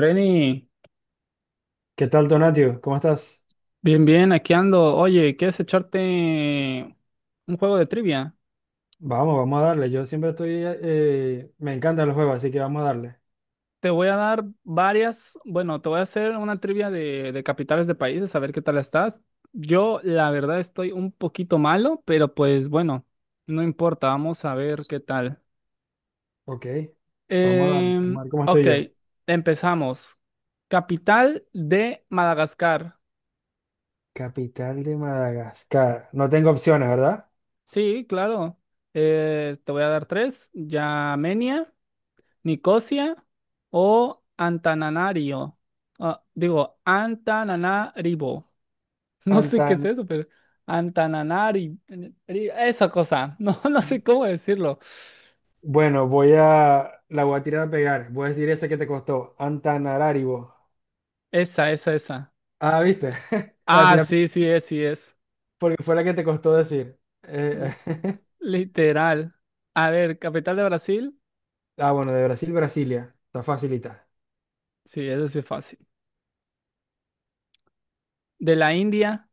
Reni, ¿Qué tal, Donatio? ¿Cómo estás? bien, bien, aquí ando. Oye, ¿quieres echarte un juego de trivia? Vamos, vamos a darle. Yo siempre estoy, me encantan los juegos, así que vamos a darle. Te voy a dar varias, bueno, te voy a hacer una trivia de capitales de países, a ver qué tal estás. Yo, la verdad, estoy un poquito malo, pero pues bueno, no importa, vamos a ver qué tal. Ok, vamos a darle. Vamos a ver cómo Ok, estoy yo. empezamos. Capital de Madagascar. Capital de Madagascar. No tengo opciones, ¿verdad? Sí, claro. Te voy a dar tres. Yamenia. Nicosia o Antananarivo. Ah, digo, Antananarivo. No sé qué es Antan... eso, pero Antananari, esa cosa. No, no sé cómo decirlo. Bueno, la voy a tirar a pegar. Voy a decir esa que te costó. Antananarivo. Esa, esa, esa. Ah, ¿viste? La Ah, tiré sí, sí es, sí es. porque fue la que te costó decir. L- Literal. A ver, capital de Brasil. ah, bueno, de Brasil, Brasilia. Está facilita. Sí, eso sí es fácil. De la India,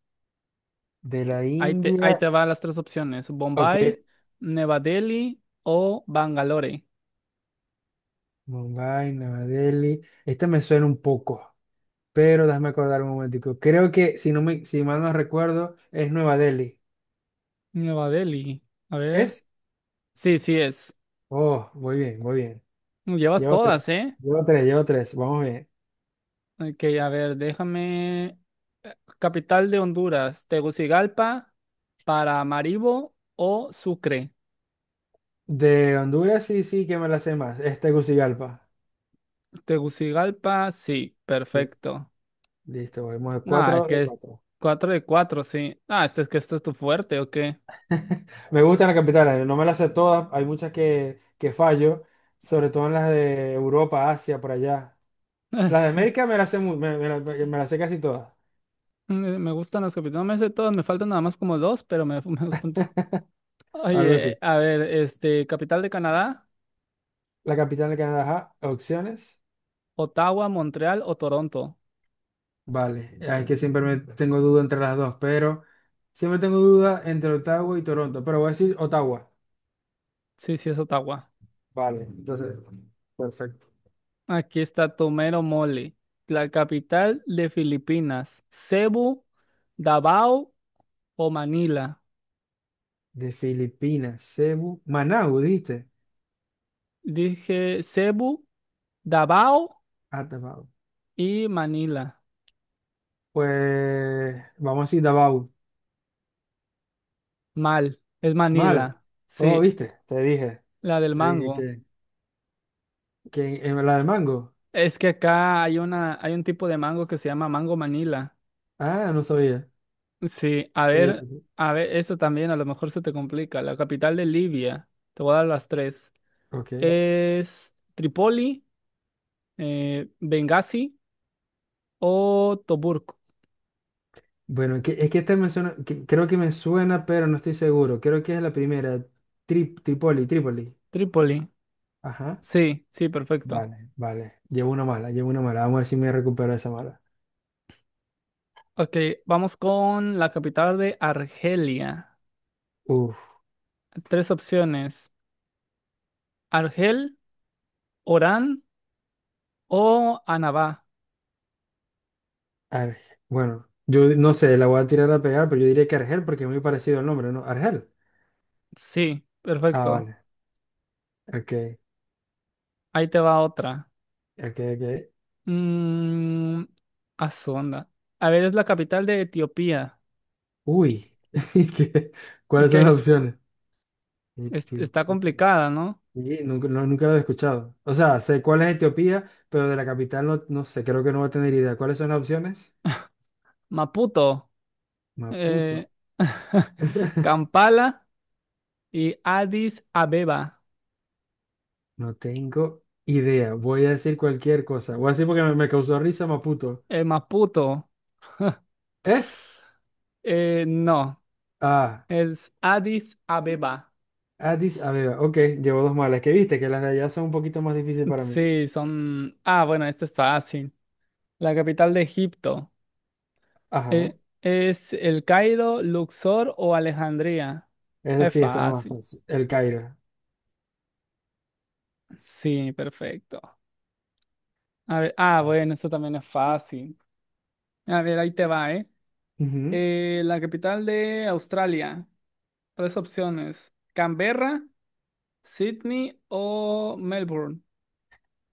De la ahí India. te van las tres opciones. Ok, Bombay, Nueva Delhi o Bangalore. Mumbai, Nueva Delhi. Este me suena un poco, pero déjame acordar un momentico. Creo que, si mal no recuerdo, es Nueva Delhi. Nueva Delhi. A ver. ¿Es? Sí, sí es. Oh, muy bien, muy bien. Llevas Llevo tres, todas, ¿eh? llevo tres, llevo tres. Vamos bien. Ok, a ver, déjame. Capital de Honduras, Tegucigalpa, Paramaribo o Sucre. De Honduras, sí, sí, que me la sé más. Es Tegucigalpa. Tegucigalpa, sí, Sí, perfecto. listo, vamos de No, es cuatro que de es cuatro. cuatro de cuatro, sí. Ah, este es que esto es tu fuerte, ¿o qué? Me gustan las capitales, no me las sé todas. Hay muchas que fallo, sobre todo en las de Europa, Asia, por allá. Las de América me Sí. las me las sé casi todas. Me gustan las capitales, no me sé todas, me faltan nada más como dos, pero me, me gustan. Algo Oye, así. a ver, este, capital de Canadá, La capital de Canadá, ajá. Opciones. Ottawa, Montreal o Toronto. Vale. Es que siempre me tengo duda entre las dos, pero siempre tengo duda entre Ottawa y Toronto, pero voy a decir Ottawa. Sí, sí, es Ottawa. Vale, entonces, perfecto. Aquí está Tomero Mole, la capital de Filipinas, Cebu, Davao o Manila. De Filipinas, Cebu, Managua ¿viste? Dije Cebu, Davao Ah, Davao. y Manila. Pues vamos a decir Davao. Mal, es Mal. Manila. Oh, Sí, ¿viste? Te dije. la del Te mango. Que en la de mango. Es que acá hay una, hay un tipo de mango que se llama mango Manila. Ah, no sabía. Sí, Está bien, a ver, eso también a lo mejor se te complica. La capital de Libia, te voy a dar las tres. ok. Es Tripoli, Benghazi o Tobruk. Bueno, es que esta me suena, creo que me suena, pero no estoy seguro. Creo que es la primera, Tripoli, Tripoli. Trípoli. Ajá. Sí, sí, perfecto. Vale, vale. Llevo una mala, llevo una mala. Vamos a ver si me recupero esa mala. Ok, vamos con la capital de Argelia. Uf, Tres opciones. Argel, Orán o Annaba. Argel. Bueno, yo no sé, la voy a tirar a pegar, pero yo diría que Argel porque es muy parecido al nombre, ¿no? Argel. Sí, Ah, perfecto. vale. Ok, Ahí te va otra. ok, ok. Mmm, a su onda. A ver, es la capital de Etiopía. Uy. ¿Qué? ¿Cuáles son las ¿Qué? opciones? Es- está complicada, ¿no? Nunca lo he escuchado. O sea, sé cuál es Etiopía, pero de la capital no, no sé, creo que no voy a tener idea. ¿Cuáles son las opciones? Maputo, Maputo. eh, Kampala y Addis Abeba. No tengo idea. Voy a decir cualquier cosa. Voy a decir porque me causó risa Maputo. Maputo. ¿Es? No, Ah, es Addis Abeba. Addis Abeba. Ok, llevo dos malas. ¿Qué viste que las de allá son un poquito más difíciles para mí? Sí, son... Ah, bueno, esto está fácil. La capital de Egipto. Ajá. ¿Es El Cairo, Luxor o Alejandría? Esa Es sí está más fácil. fácil. El Cairo. Sí, perfecto. A ver, ah, bueno, esto también es fácil. A ver, ahí te va, ¿eh? Ujú. La capital de Australia. Tres opciones. Canberra, Sydney o Melbourne.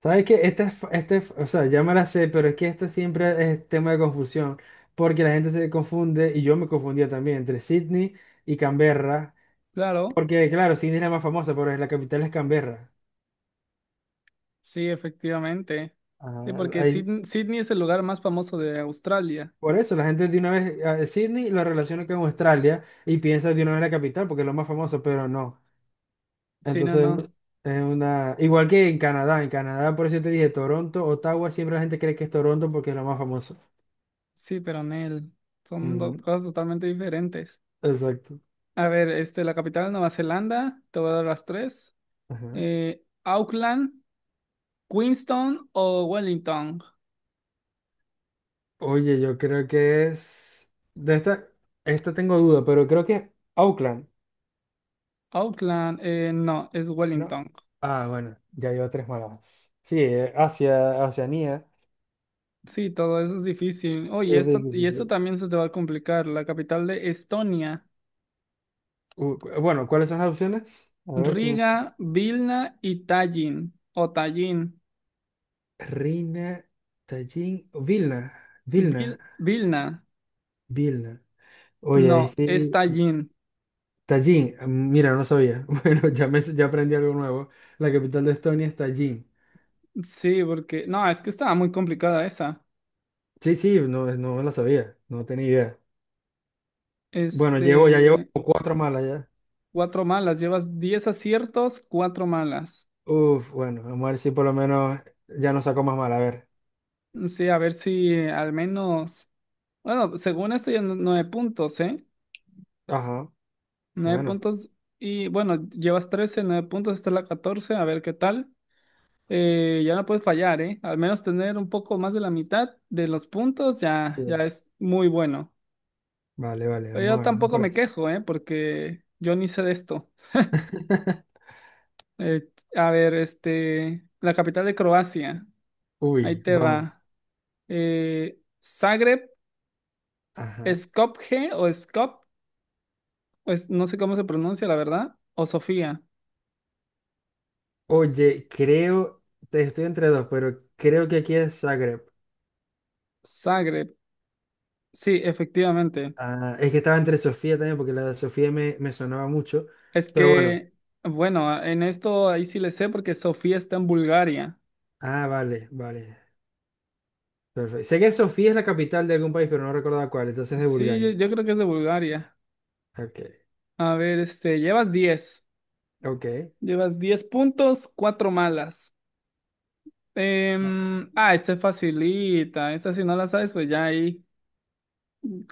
¿Sabes que o sea, ya me la sé, pero es que este siempre es tema de confusión, porque la gente se confunde, y yo me confundía también, entre Sydney y Canberra, Claro. porque claro, Sydney es la más famosa, pero la capital es Canberra. Sí, efectivamente. Sí, Ah, porque ahí- Sydney es el lugar más famoso de Australia. por eso la gente de una vez, a Sydney lo relaciona con Australia y piensa de una vez la capital, porque es lo más famoso, pero no. Sí, no, Entonces, no. es una... Igual que en Canadá, por eso te dije Toronto, Ottawa, siempre la gente cree que es Toronto porque es lo más famoso. Sí, pero Nel. Son dos Ujú, cosas totalmente diferentes. exacto. A ver, este, la capital de Nueva Zelanda, te voy a dar las tres. Ajá. Auckland, Queenstown o Wellington. Oye, yo creo que De esta, esta tengo duda, pero creo que Auckland, Auckland, no, es ¿no? Wellington. Ah, bueno, ya llevo tres malas. Sí, Asia, Oceanía. Sí, todo eso es difícil. Oye, Eh, de- esto, de- y esto de- también se te va a complicar. La capital de Estonia, Bueno, ¿cuáles son las opciones? A ver si me Riga, suena. Vilna y Tallinn o Tallinn. Reina, Tallin, Vilna, Vilna, Vilna, Vilna. Oye, ahí no, es sí. Tallinn. Tallin, ah, mira, no sabía. Bueno, ya, ya aprendí algo nuevo. La capital de Estonia es Tallin. Sí, porque, no, es que estaba muy complicada esa. Sí, sí, no, no la sabía, no tenía idea. Bueno, llevo, ya llevo Este, como cuatro malas ya. cuatro malas, llevas 10 aciertos, cuatro malas. Uf, bueno, vamos a ver si por lo menos ya no saco más mal. A ver. Sí, a ver si al menos, bueno, según esto ya nueve puntos, ¿eh? Ajá, Nueve bueno. puntos y bueno, llevas 13 nueve puntos, esta es la 14, a ver qué tal. Ya no puedes fallar, ¿eh? Al menos tener un poco más de la mitad de los puntos ya, ya Sí. es muy bueno. Vale, vale, Pero yo vamos a ver, vamos tampoco por me eso. quejo, ¿eh? Porque yo ni sé de esto. Eh, a ver, este, la capital de Croacia. Ahí Uy, te vamos. va. Zagreb, Ajá. Skopje o Skop, pues no sé cómo se pronuncia, la verdad. O Sofía. Oye, creo, estoy entre dos, pero creo que aquí es Zagreb. Zagreb. Sí, efectivamente. Ah, es que estaba entre Sofía también, porque la de Sofía me sonaba mucho. Es Pero bueno. que, bueno, en esto ahí sí le sé porque Sofía está en Bulgaria. Ah, vale, vale. Perfecto. Sé que Sofía es la capital de algún país, pero no recordaba cuál. Entonces es de Sí, yo, Bulgaria. yo creo que es de Bulgaria. Ok, A ver, este, llevas 10 ok. Llevas 10 puntos, 4 malas. Ah, esta es facilita. Esta si no la sabes, pues ya ahí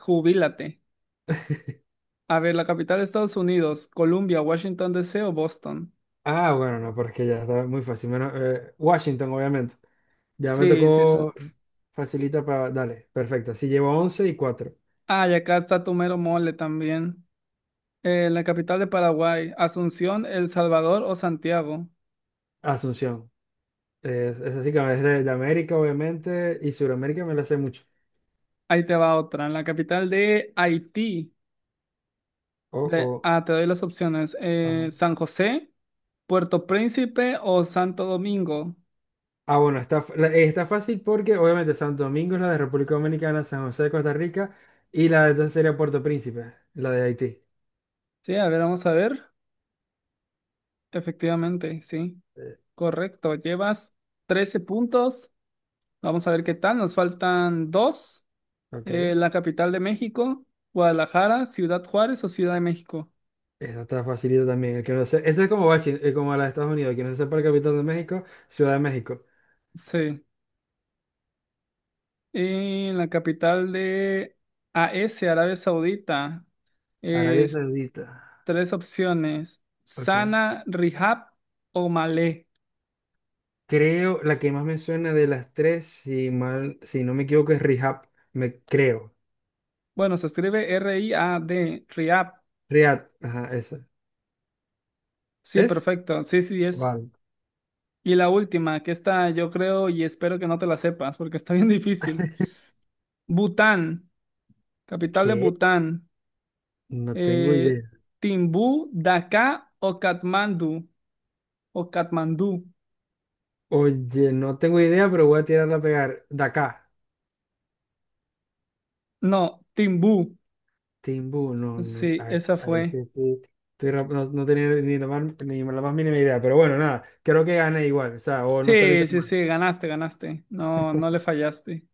jubílate. A ver, la capital de Estados Unidos, Columbia, Washington D. C. o Boston. Ah, bueno, no, porque ya está muy fácil. Menos, Washington, obviamente. Ya me Sí, sí, sí. tocó facilita para... Dale, perfecto. Sí, llevo 11 y 4, Ah, y acá está tu mero mole también. La capital de Paraguay, Asunción, El Salvador o Santiago. Asunción. Es así que es de América, obviamente, y Sudamérica me la sé mucho. Ahí te va otra. La capital de Haití. Oh, De, oh. ah, te doy las opciones. Ajá. San José, Puerto Príncipe o Santo Domingo. Ah, bueno, está fácil porque obviamente Santo Domingo es la de República Dominicana, San José de Costa Rica y la de esta sería Puerto Príncipe, la de Haití. Sí, a ver, vamos a ver. Efectivamente, sí. Eh, Correcto, llevas 13 puntos. Vamos a ver qué tal. Nos faltan dos. Ok. La capital de México, Guadalajara, Ciudad Juárez o Ciudad de México. Esa está facilita también. El que no ese es como, como la de Estados Unidos. El que no se sepa el capital de México, Ciudad de México. Sí. Y la capital de A AS, Arabia Saudita. Arabia Es Saudita. tres opciones. Ok. Sana, Rihab o Malé. Creo, la que más me suena de las tres, si no me equivoco, es Rihab. Me creo. Bueno, se escribe R-I-A-D, Rihab. Riyadh. Ajá, esa. Sí, ¿Es? perfecto. Sí, sí, es. Vale. Y la última, que esta yo creo y espero que no te la sepas porque está bien difícil. Bután, capital de ¿Qué? Bután. No tengo Eh, idea. Timbú, Daká o Katmandú. O Katmandú. Oye, no tengo idea, pero voy a tirarla a pegar. Dakar. No, Timbú. Timbú, no, no. Sí, Ahí, esa ahí sí fue. estoy. No, no tenía ni la más, ni la más mínima idea, pero bueno, nada, creo que gané igual, o sea, o no salí Sí, tan sí, mal. sí, ganaste, ganaste. No, no le fallaste.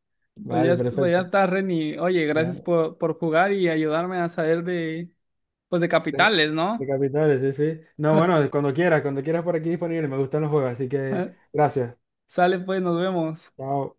Pues ya, Vale, pues ya perfecto. está, Reni. Oye, gracias Bueno, por jugar y ayudarme a saber de, pues de de, capitales, de ¿no? capitales, sí, sí. No, bueno, cuando quieras por aquí disponible. Me gustan los juegos, así que gracias. Sale, pues, nos vemos. Chao.